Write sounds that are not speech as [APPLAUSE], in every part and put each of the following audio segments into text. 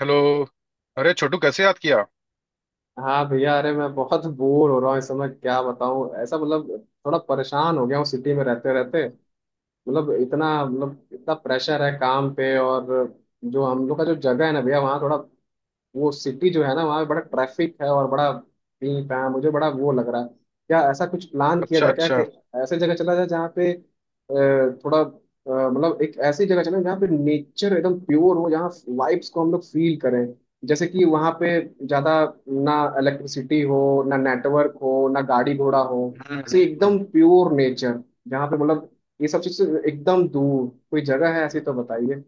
Hello. अरे छोटू, कैसे याद किया? हाँ भैया, अरे मैं बहुत बोर हो रहा हूँ इस समय। क्या बताऊँ, ऐसा मतलब थोड़ा परेशान हो गया हूँ सिटी में रहते रहते। मतलब इतना प्रेशर है काम पे। और जो हम लोग का जो जगह है ना भैया, वहाँ थोड़ा वो सिटी जो है ना, वहाँ पे बड़ा ट्रैफिक है और बड़ा पी पा मुझे बड़ा वो लग रहा है। क्या ऐसा कुछ प्लान किया अच्छा, जाए क्या कि अच्छा। ऐसे जगह चला जाए जहाँ पे मतलब एक ऐसी जगह चले जहाँ पे नेचर एकदम प्योर हो, जहाँ वाइब्स को हम लोग फील करें। जैसे कि वहाँ पे ज्यादा ना इलेक्ट्रिसिटी हो, ना नेटवर्क हो, ना गाड़ी घोड़ा हो। हम्म से हम्म, हम्म। एकदम प्योर नेचर, जहाँ पे मतलब ये सब चीज से एकदम दूर कोई जगह है ऐसी तो बताइए।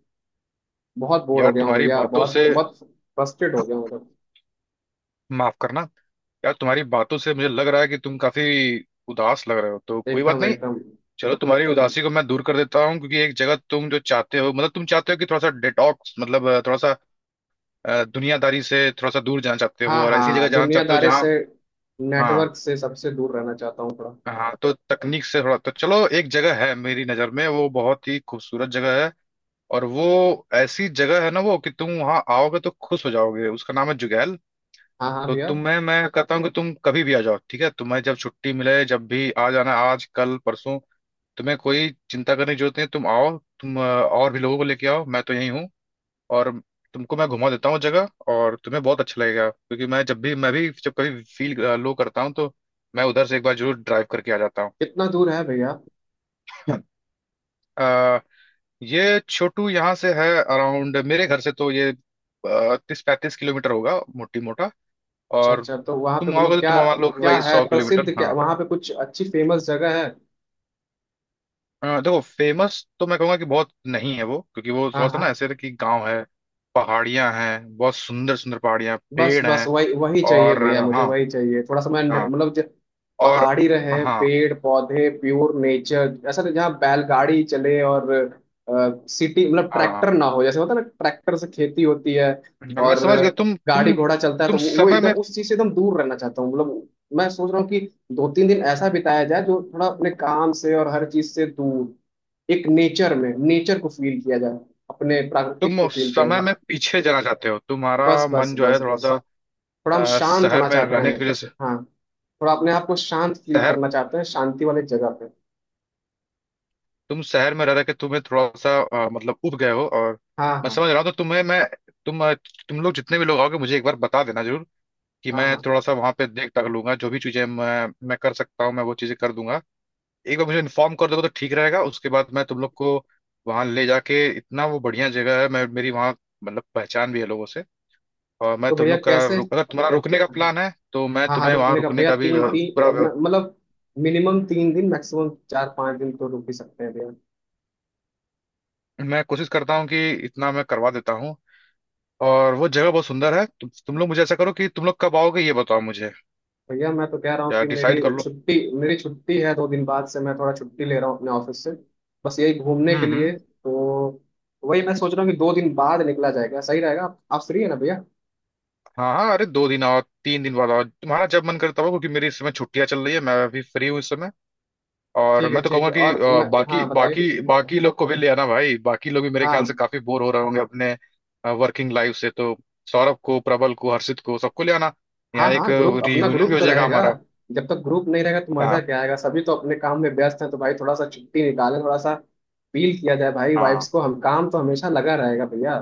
बहुत बोर हो यार, गया हूँ तुम्हारी भैया, बातों बहुत से बहुत फ्रस्ट्रेट हो गया हूँ मतलब। माफ करना, यार तुम्हारी बातों से मुझे लग रहा है कि तुम काफी उदास लग रहे हो, तो कोई बात एकदम नहीं। एकदम। चलो, तुम्हारी उदासी को मैं दूर कर देता हूँ, क्योंकि एक जगह, तुम जो चाहते हो, मतलब तुम चाहते हो कि थोड़ा सा डिटॉक्स, मतलब थोड़ा सा दुनियादारी से थोड़ा सा दूर जाना चाहते हो हाँ और ऐसी जगह हाँ, जाना चाहते हो दुनियादारी जहाँ, से, हाँ नेटवर्क से सबसे दूर रहना चाहता हूँ थोड़ा। हाँ, तो तकनीक से थोड़ा, तो चलो, एक जगह है मेरी नज़र में, वो बहुत ही खूबसूरत जगह है, और वो ऐसी जगह है ना वो, कि तुम वहां आओगे तो खुश हो जाओगे। उसका नाम है जुगैल। हाँ हाँ तो भैया। तुम्हें मैं कहता हूँ कि तुम कभी भी आ जाओ, ठीक है? तुम्हें जब छुट्टी मिले, जब भी आ जाना, आज कल परसों। तुम्हें कोई चिंता करने की जरूरत नहीं है। तुम आओ, तुम और भी लोगों को लेके आओ। मैं तो यही हूँ, और तुमको मैं घुमा देता हूँ जगह, और तुम्हें बहुत अच्छा लगेगा, क्योंकि मैं जब भी, मैं भी जब कभी फील लो करता हूँ तो मैं उधर से एक बार जरूर ड्राइव करके आ जाता कितना दूर है भैया? हूँ। [LAUGHS] ये छोटू, यहाँ से है अराउंड, मेरे घर से तो ये 30-35 किलोमीटर होगा, मोटी मोटा। अच्छा और अच्छा, तो वहाँ पे तुम आओगे मतलब तो तुम क्या, मान लो कि क्या भाई है 100 किलोमीटर। प्रसिद्ध? क्या हाँ, वहाँ पे कुछ अच्छी फेमस जगह है? देखो, फेमस तो मैं कहूँगा कि बहुत नहीं है वो, क्योंकि वो हाँ थोड़ा सा ना हाँ। ऐसे है कि गांव है, पहाड़ियाँ हैं, बहुत सुंदर सुंदर पहाड़ियाँ, बस पेड़ बस हैं। वही वही चाहिए और भैया, मुझे हाँ, वही चाहिए थोड़ा सा। मैं न- हाँ, मतलब जो और पहाड़ी रहे, हाँ, पेड़ पौधे, प्योर नेचर, ऐसा नहीं जहाँ बैलगाड़ी चले और सिटी मतलब हाँ, हाँ। ट्रैक्टर ना हो। जैसे होता है ना ट्रैक्टर से खेती होती है मैं और समझ गया। तुम गाड़ी तुम घोड़ा चलता है, तुम तो वो समय एकदम में, उस चीज से एकदम दूर रहना चाहता हूँ मतलब। मैं सोच रहा हूँ कि 2-3 दिन ऐसा बिताया जाए जो थोड़ा अपने काम से और हर चीज से दूर एक नेचर में नेचर को फील किया जाए, अपने तुम प्राकृतिक को फील किया समय जाए। में पीछे जाना चाहते हो, बस तुम्हारा बस मन जो है बस थोड़ा बस, सा थोड़ा हम शांत शहर होना में चाहते रहने हैं। की वजह से। हाँ, थोड़ा अपने आप को शांत फील शहर, करना चाहते हैं, शांति वाली जगह पे। तुम शहर में रह रह के तुम्हें थोड़ा सा मतलब उब गए हो, और हाँ मैं हाँ। समझ रहा हूँ। तो तुम्हें मैं, तुम तुम लोग जितने भी लोग आओगे, मुझे एक बार बता देना जरूर, कि हाँ मैं हाँ, थोड़ा सा वहां पे देख टक लूंगा। जो भी चीजें मैं कर सकता हूँ, मैं वो चीजें कर दूंगा। एक बार मुझे इन्फॉर्म कर दोगे तो ठीक रहेगा। उसके बाद मैं तुम लोग को वहां ले जाके, इतना वो बढ़िया जगह है, मैं, मेरी वहाँ मतलब पहचान भी है लोगों से। और मैं तो तुम भैया लोग का कैसे। रुक, अगर तुम्हारा रुकने का हाँ, प्लान है तो मैं हाँ हाँ, तुम्हें वहां रुकने का रुकने भैया का भी तीन तीन पूरा म- मतलब मिनिमम 3 दिन, मैक्सिमम 4-5 दिन तो रुक ही सकते हैं भैया। मैं कोशिश करता हूँ कि इतना मैं करवा देता हूँ। और वो जगह बहुत सुंदर है। तुम लोग, मुझे ऐसा करो कि तुम लोग कब आओगे ये बताओ मुझे, भैया मैं तो कह रहा हूँ या कि मेरी डिसाइड कर लो। छुट्टी, मेरी छुट्टी है, 2 दिन बाद से मैं थोड़ा छुट्टी ले रहा हूँ अपने ऑफिस से, बस यही घूमने हम्म के लिए। हम्म तो वही मैं सोच रहा हूँ कि 2 दिन बाद निकला जाएगा, सही रहेगा। आप फ्री है ना भैया? हाँ हाँ, अरे 2 दिन आओ, 3 दिन बाद आओ, तुम्हारा जब मन करे तब आओ, क्योंकि मेरी इस समय छुट्टियां चल रही है, मैं अभी फ्री हूँ इस समय। और ठीक मैं है तो ठीक कहूंगा है। कि और मैं, बाकी हाँ बताइए। बाकी बाकी लोग को भी ले आना भाई। बाकी लोग भी मेरे हाँ ख्याल से काफी बोर हो रहे होंगे अपने वर्किंग लाइफ से। तो सौरभ को, प्रबल को, हर्षित को, सबको ले आना। हाँ। यहाँ एक हाँ, ग्रुप, अपना रियूनियन भी ग्रुप हो तो जाएगा रहेगा। हमारा। जब तक ग्रुप नहीं रहेगा तो मजा हाँ, क्या आएगा? सभी तो अपने काम में व्यस्त हैं, तो भाई थोड़ा सा छुट्टी निकालें, थोड़ा सा फील किया जाए भाई हाँ, वाइब्स को हम। काम तो हमेशा लगा रहेगा भैया,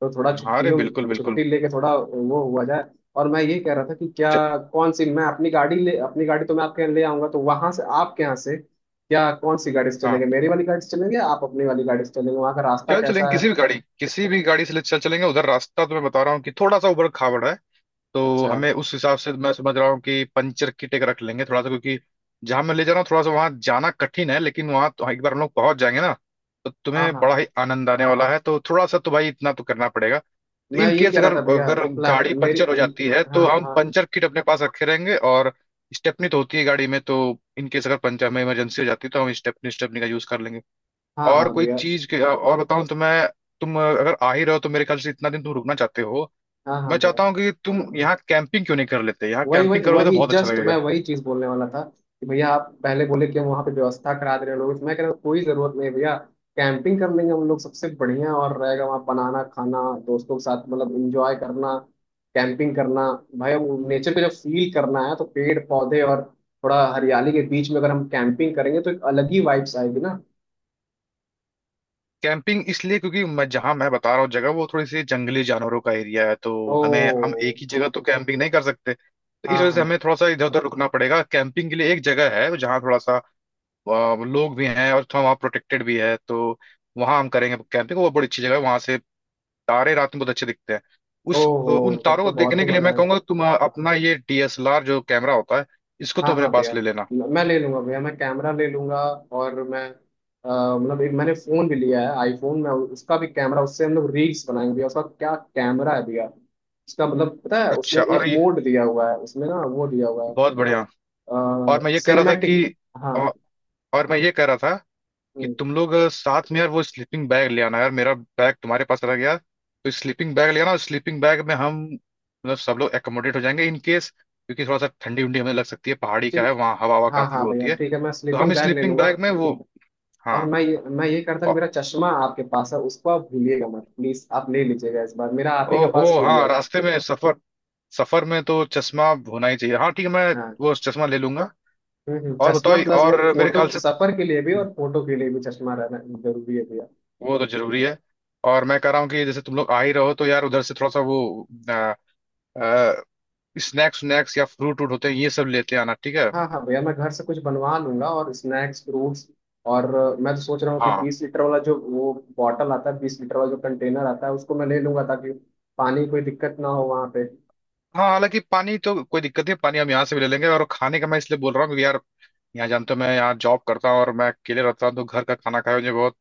तो थोड़ा हाँ। अरे बिल्कुल, छुट्टियों, बिल्कुल। छुट्टी लेके थोड़ा वो हुआ जाए। और मैं ये कह रहा था कि च- क्या कौन सी, मैं अपनी गाड़ी ले, अपनी गाड़ी तो मैं आपके यहाँ ले आऊंगा, तो वहां से, आपके यहाँ से क्या कौन सी गाड़ी से हाँ, चलेंगे? मेरी वाली गाड़ी से चलेंगे या आप अपनी वाली गाड़ी से चलेंगे? वहां का रास्ता चल चलेंगे कैसा है? किसी भी गाड़ी, किसी भी गाड़ी से चल चलेंगे उधर। रास्ता तो मैं बता रहा हूँ कि थोड़ा सा उबड़ खाबड़ है, तो अच्छा। हमें उस हिसाब से, मैं समझ रहा हूँ कि पंचर किट एक रख लेंगे थोड़ा सा, क्योंकि जहां मैं ले जा रहा हूँ थोड़ा सा, वहां जाना कठिन है। लेकिन वहां तो एक बार हम लोग पहुंच जाएंगे ना, तो हाँ तुम्हें हाँ। बड़ा ही आनंद आने वाला है। तो थोड़ा सा तो भाई इतना तो करना पड़ेगा। तो मैं इन ये केस कह रहा अगर, था भैया, प्लान गाड़ी मेरी। पंचर हो जाती है, हाँ तो हम हाँ। पंचर किट अपने पास रखे रहेंगे। और स्टेपनी तो होती है गाड़ी में, तो इन केस अगर पंचर में इमरजेंसी हो जाती है, तो हम स्टेपनी स्टेपनी का यूज कर लेंगे। हाँ और हाँ कोई भैया। चीज के और बताऊं तो मैं, तुम अगर आ ही रहो तो मेरे ख्याल से इतना दिन तुम रुकना चाहते हो, हाँ मैं हाँ भैया। चाहता हूँ कि तुम यहाँ कैंपिंग क्यों नहीं कर लेते। यहाँ वही कैंपिंग वही करोगे तो वही, बहुत अच्छा जस्ट मैं लगेगा। वही चीज बोलने वाला था कि भैया आप पहले बोले कि हम वहाँ पे व्यवस्था करा दे रहे हैं लोगों से। मैं कह रहा हूँ कोई जरूरत नहीं भैया, कैंपिंग कर लेंगे हम लोग, सबसे बढ़िया और रहेगा वहाँ। बनाना खाना दोस्तों के साथ, मतलब इंजॉय करना, कैंपिंग करना भाई। नेचर को जब फील करना है तो पेड़ पौधे और थोड़ा हरियाली के बीच में अगर हम कैंपिंग करेंगे तो एक अलग ही वाइब्स आएगी ना। कैंपिंग इसलिए, क्योंकि मैं जहां मैं बता रहा हूँ जगह, वो थोड़ी सी जंगली जानवरों का एरिया है। तो ओ। हमें, हम एक ही जगह तो कैंपिंग नहीं कर सकते, तो इस हाँ वजह से हमें हाँ। थोड़ा सा इधर उधर रुकना पड़ेगा। कैंपिंग के लिए एक जगह है जहाँ थोड़ा सा लोग भी हैं और थोड़ा वहाँ प्रोटेक्टेड भी है। तो वहाँ हम करेंगे कैंपिंग। वो बड़ी अच्छी जगह है। वहां से तारे रात में बहुत अच्छे दिखते हैं। उस ओहो, उन तब तारों तो को बहुत देखने ही के लिए मजा मैं आएगा। कहूंगा, तुम अपना ये डीएसएलआर जो कैमरा होता है इसको हाँ तुम अपने हाँ भैया, पास ले लेना। मैं ले लूंगा भैया, मैं कैमरा ले लूंगा। और मैं, मतलब एक मैंने फोन भी लिया है आईफोन, में उसका भी कैमरा, उससे हम लोग रील्स बनाएंगे भैया। उसका क्या कैमरा है भैया, उसका मतलब पता है उसमें अच्छा, एक और ये मोड दिया हुआ है, उसमें ना वो दिया हुआ है, बहुत बढ़िया। और मैं ये कह रहा था सिनेमेटिक। कि, हाँ। औ- और मैं ये कह रहा था कि हम्म, तुम लोग साथ में यार वो स्लीपिंग बैग ले आना यार, मेरा बैग तुम्हारे पास रह गया, तो स्लीपिंग बैग ले आना। और स्लीपिंग बैग में हम मतलब सब लोग एकोमोडेट हो जाएंगे इन केस, क्योंकि थोड़ा सा ठंडी उंडी हमें लग सकती है, पहाड़ी का है ठीक। वहाँ, हवा हवा हाँ काफी हाँ होती भैया है। ठीक है, मैं तो हम स्लीपिंग बैग ले स्लीपिंग लूंगा। बैग में वो, हाँ। और मैं ये, मैं ये करता कि ओ- मेरा चश्मा आपके पास है, उसको आप भूलिएगा मत प्लीज, आप ले लीजिएगा। इस बार मेरा आप ही के ओहो, पास छूट हाँ, गया था। रास्ते में सफर, सफर में तो चश्मा होना ही चाहिए। हाँ ठीक है, मैं हाँ। वो चश्मा ले लूंगा। और चश्मा बताओ, प्लस वो और मेरे फोटो, ख्याल से सफर के लिए भी और फोटो के लिए भी चश्मा रहना जरूरी है भैया। वो तो जरूरी है। और मैं कह रहा हूँ कि जैसे तुम लोग आ ही रहो तो यार उधर से थोड़ा सा वो स्नैक्स स्नैक्स या फ्रूट व्रूट होते हैं, ये सब लेते आना, ठीक है। हाँ हाँ भैया, मैं घर से कुछ बनवा लूंगा और स्नैक्स फ्रूट्स। और मैं तो सोच रहा हूँ कि हाँ 20 लीटर वाला जो वो बॉटल आता है, 20 लीटर वाला जो कंटेनर आता है, उसको मैं ले लूंगा ताकि पानी की कोई दिक्कत ना हो वहाँ पे। हाँ, हालांकि पानी तो कोई दिक्कत नहीं, पानी हम यहाँ से भी ले लेंगे। और खाने का मैं इसलिए बोल रहा हूँ क्योंकि यार, यहाँ जानते हो मैं यहाँ जॉब करता हूँ, और मैं अकेले रहता हूँ, तो घर का खाना खाए मुझे बहुत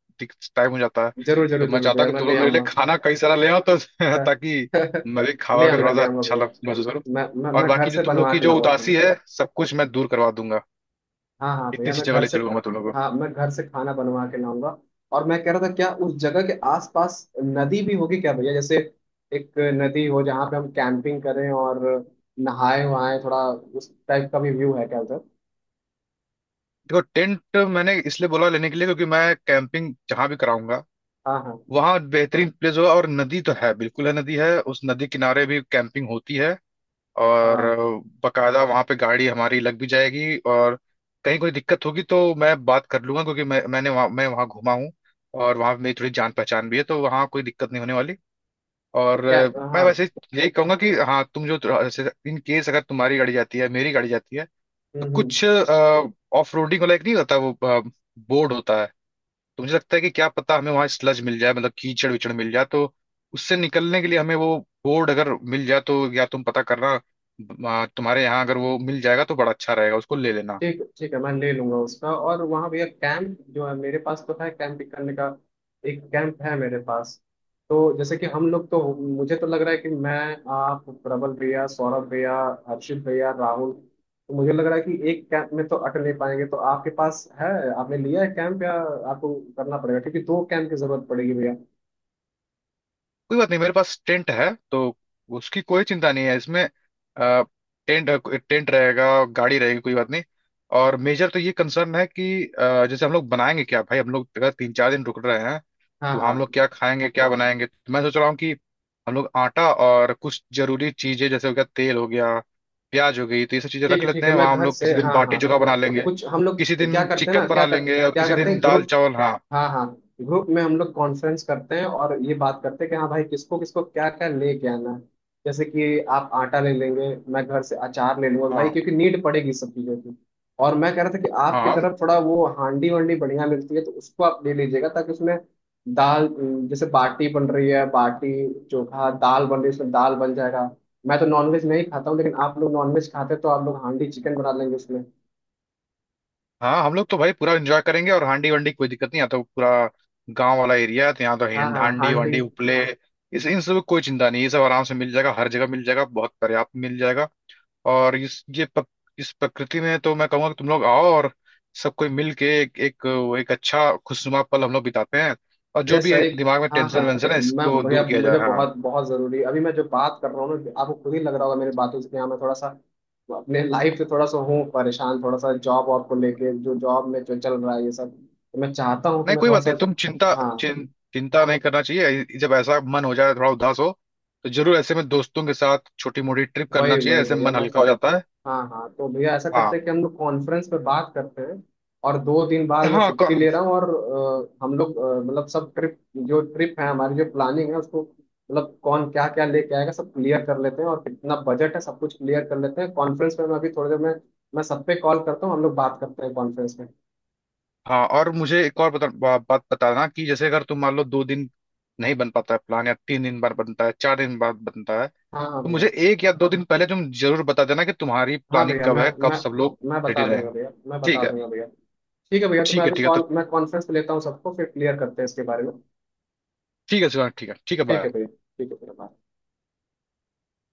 टाइम हो जाता है। जरूर तो जरूर मैं जरूर चाहता भैया, हूँ कि मैं तुम ले लोग मेरे लिए आऊंगा। खाना कई सारा ले आओ तो [LAUGHS] हाँ, ताकि [LAUGHS] मैं भी खावा के थोड़ा ले सा आऊंगा अच्छा लग भैया, महसूस करूँ। मैं मैं और मैं घर बाकी जो से तुम लोग बनवा की के जो लाऊंगा। उदासी है सब कुछ मैं दूर करवा दूंगा। हाँ हाँ भैया इतनी सी मैं जगह घर ले से, चलूंगा मैं तुम लोगों को। हाँ मैं घर से खाना बनवा के लाऊंगा। और मैं कह रहा था, क्या उस जगह के आसपास नदी भी होगी क्या भैया? जैसे एक नदी हो जहाँ पे हम कैंपिंग करें और नहाए वहाए, थोड़ा उस टाइप का भी व्यू है क्या उधर? देखो, टेंट मैंने इसलिए बोला लेने के लिए क्योंकि मैं कैंपिंग जहाँ भी कराऊंगा हाँ हाँ। वहाँ बेहतरीन प्लेस होगा। और नदी तो है, बिल्कुल है, नदी है, उस नदी किनारे भी कैंपिंग होती है। और हाँ, बकायदा वहां पे गाड़ी हमारी लग भी जाएगी, और कहीं कोई दिक्कत होगी तो मैं बात कर लूंगा, क्योंकि मैंने वहाँ, मैं वहाँ घूमा हूँ, और वहाँ मेरी थोड़ी जान पहचान भी है, तो वहाँ कोई दिक्कत नहीं होने वाली। तो और क्या। मैं हाँ। वैसे यही कहूंगा कि, हाँ, तुम जो, इन केस अगर तुम्हारी गाड़ी जाती है, मेरी गाड़ी जाती है, तो कुछ हम्म। ऑफ रोडिंग वाला एक नहीं होता वो, बोर्ड होता है। तो मुझे लगता है कि क्या पता हमें वहां स्लज मिल जाए, मतलब कीचड़ विचड़ मिल जाए, तो उससे निकलने के लिए हमें वो बोर्ड अगर मिल जाए, तो, या तुम पता करना। तुम्हारे यहाँ अगर वो मिल जाएगा तो बड़ा अच्छा रहेगा, उसको ले लेना। ठीक, ठीक है, मैं ले लूंगा उसका। और वहाँ भैया कैंप जो है, मेरे पास तो है कैंप करने का, एक कैंप है मेरे पास। तो जैसे कि हम लोग तो, मुझे तो लग रहा है कि मैं, आप, प्रबल भैया, सौरभ भैया, हर्षित भैया, राहुल, तो मुझे लग रहा है कि एक कैंप में तो अटक नहीं पाएंगे, तो आपके पास है, आपने लिया है कैंप या आपको करना पड़ेगा, क्योंकि 2 कैंप की जरूरत पड़ेगी भैया। कोई बात नहीं, मेरे पास टेंट है तो उसकी कोई चिंता नहीं है। इसमें टेंट टेंट रहेगा, गाड़ी रहेगी, कोई बात नहीं। और मेजर तो ये कंसर्न है कि जैसे हम लोग बनाएंगे क्या भाई, हम लोग अगर 3-4 दिन रुक रहे हैं हाँ तो हम हाँ। लोग क्या खाएंगे, क्या बनाएंगे। तो मैं सोच रहा हूँ कि हम लोग आटा और कुछ जरूरी चीजें, जैसे हो गया तेल, हो गया प्याज, हो गई, तो ये सब चीजें ठीक रख है लेते ठीक है, हैं मैं वहां। हम घर लोग से, किसी दिन हाँ बाटी हाँ चोखा बना लेंगे, कुछ हम लोग किसी क्या दिन करते हैं ना, चिकन क्या बना कर, लेंगे, और क्या किसी करते दिन हैं दाल ग्रुप। चावल। हाँ, हाँ हाँ, ग्रुप में हम लोग कॉन्फ्रेंस करते हैं और ये बात करते हैं कि हाँ भाई किसको किसको क्या क्या लेके आना है। जैसे कि आप आटा ले लेंगे, मैं घर से अचार ले लूंगा भाई, हाँ, क्योंकि नीड पड़ेगी सब चीजों की। और मैं कह रहा था कि आपकी हाँ, तरफ थोड़ा वो हांडी वांडी बढ़िया मिलती है, तो उसको आप ले लीजिएगा ताकि उसमें दाल, जैसे बाटी बन रही है, बाटी चोखा, दाल बन रही है, उसमें दाल बन जाएगा। मैं तो नॉनवेज नहीं खाता हूँ, लेकिन आप लोग नॉनवेज खाते हैं तो आप लोग हांडी चिकन बना लेंगे उसमें। हाँ। हम लोग तो भाई पूरा एंजॉय करेंगे, और हांडी वंडी की कोई दिक्कत नहीं आता, तो पूरा गांव वाला एरिया है, तो यहाँ तो हाँ हाँ हांडी हांडी। वांडी, उपले, इस इन सब की कोई चिंता नहीं, ये सब आराम से मिल जाएगा, हर जगह मिल जाएगा, बहुत पर्याप्त मिल जाएगा। और इस प्रकृति में तो मैं कहूँगा कि तुम लोग आओ और सब कोई मिल के एक एक, एक अच्छा खुशनुमा पल हम लोग बिताते हैं, और भैया जो भी सही। दिमाग में हाँ हाँ, टेंशन वेंशन है मैं इसको भैया, दूर किया जाए। मुझे हाँ। बहुत बहुत जरूरी। अभी मैं जो बात कर रहा हूँ ना, आपको खुद ही लग रहा होगा मेरी बातों से कि हाँ, मैं थोड़ा सा अपने लाइफ से थोड़ा सा हूँ परेशान, थोड़ा सा जॉब वॉब को लेके, जो जॉब में जो चल रहा है ये सब, तो मैं चाहता हूँ कि नहीं मैं कोई थोड़ा बात सा। नहीं, तुम चिंता, हाँ। चिं, चिंता नहीं करना चाहिए। जब ऐसा मन हो जाए, थोड़ा उदास हो, तो जरूर ऐसे में दोस्तों के साथ छोटी मोटी ट्रिप वही करना चाहिए, वही ऐसे भैया, मन मैं हल्का चाह। हो जाता है। हाँ हाँ, तो भैया ऐसा करते हाँ हैं कि हम लोग कॉन्फ्रेंस पे बात करते हैं, और 2 दिन बाद मैं हाँ, छुट्टी कौन, ले रहा हूँ, और हम लोग मतलब सब ट्रिप, जो ट्रिप है हमारी, जो प्लानिंग है उसको, मतलब कौन क्या क्या लेके आएगा सब क्लियर कर लेते हैं, और कितना बजट है सब कुछ क्लियर कर लेते हैं कॉन्फ्रेंस में। मैं अभी थोड़ी देर में मैं सब पे कॉल करता हूँ, हम लोग बात करते हैं कॉन्फ्रेंस में। हाँ। और मुझे एक और बात बताना, कि जैसे अगर तुम मान लो 2 दिन नहीं बन पाता है प्लान, या 3 दिन बाद बनता है, 4 दिन बाद बनता है, हाँ हाँ तो मुझे भैया। 1 या 2 दिन पहले तुम जरूर बता देना कि तुम्हारी हाँ प्लानिंग भैया, कब है, कब सब लोग मैं रेडी बता रहे, दूंगा भैया, मैं बता ठीक है? दूंगा भैया। ठीक है भैया, तो मैं ठीक है, अभी ठीक है तो, कॉल, मैं कॉन्फ्रेंस पे लेता हूँ सबको, फिर क्लियर करते हैं इसके बारे में। ठीक है शिवांग, ठीक है ठीक है, ठीक है बाय। भैया, ठीक है भैया, bye।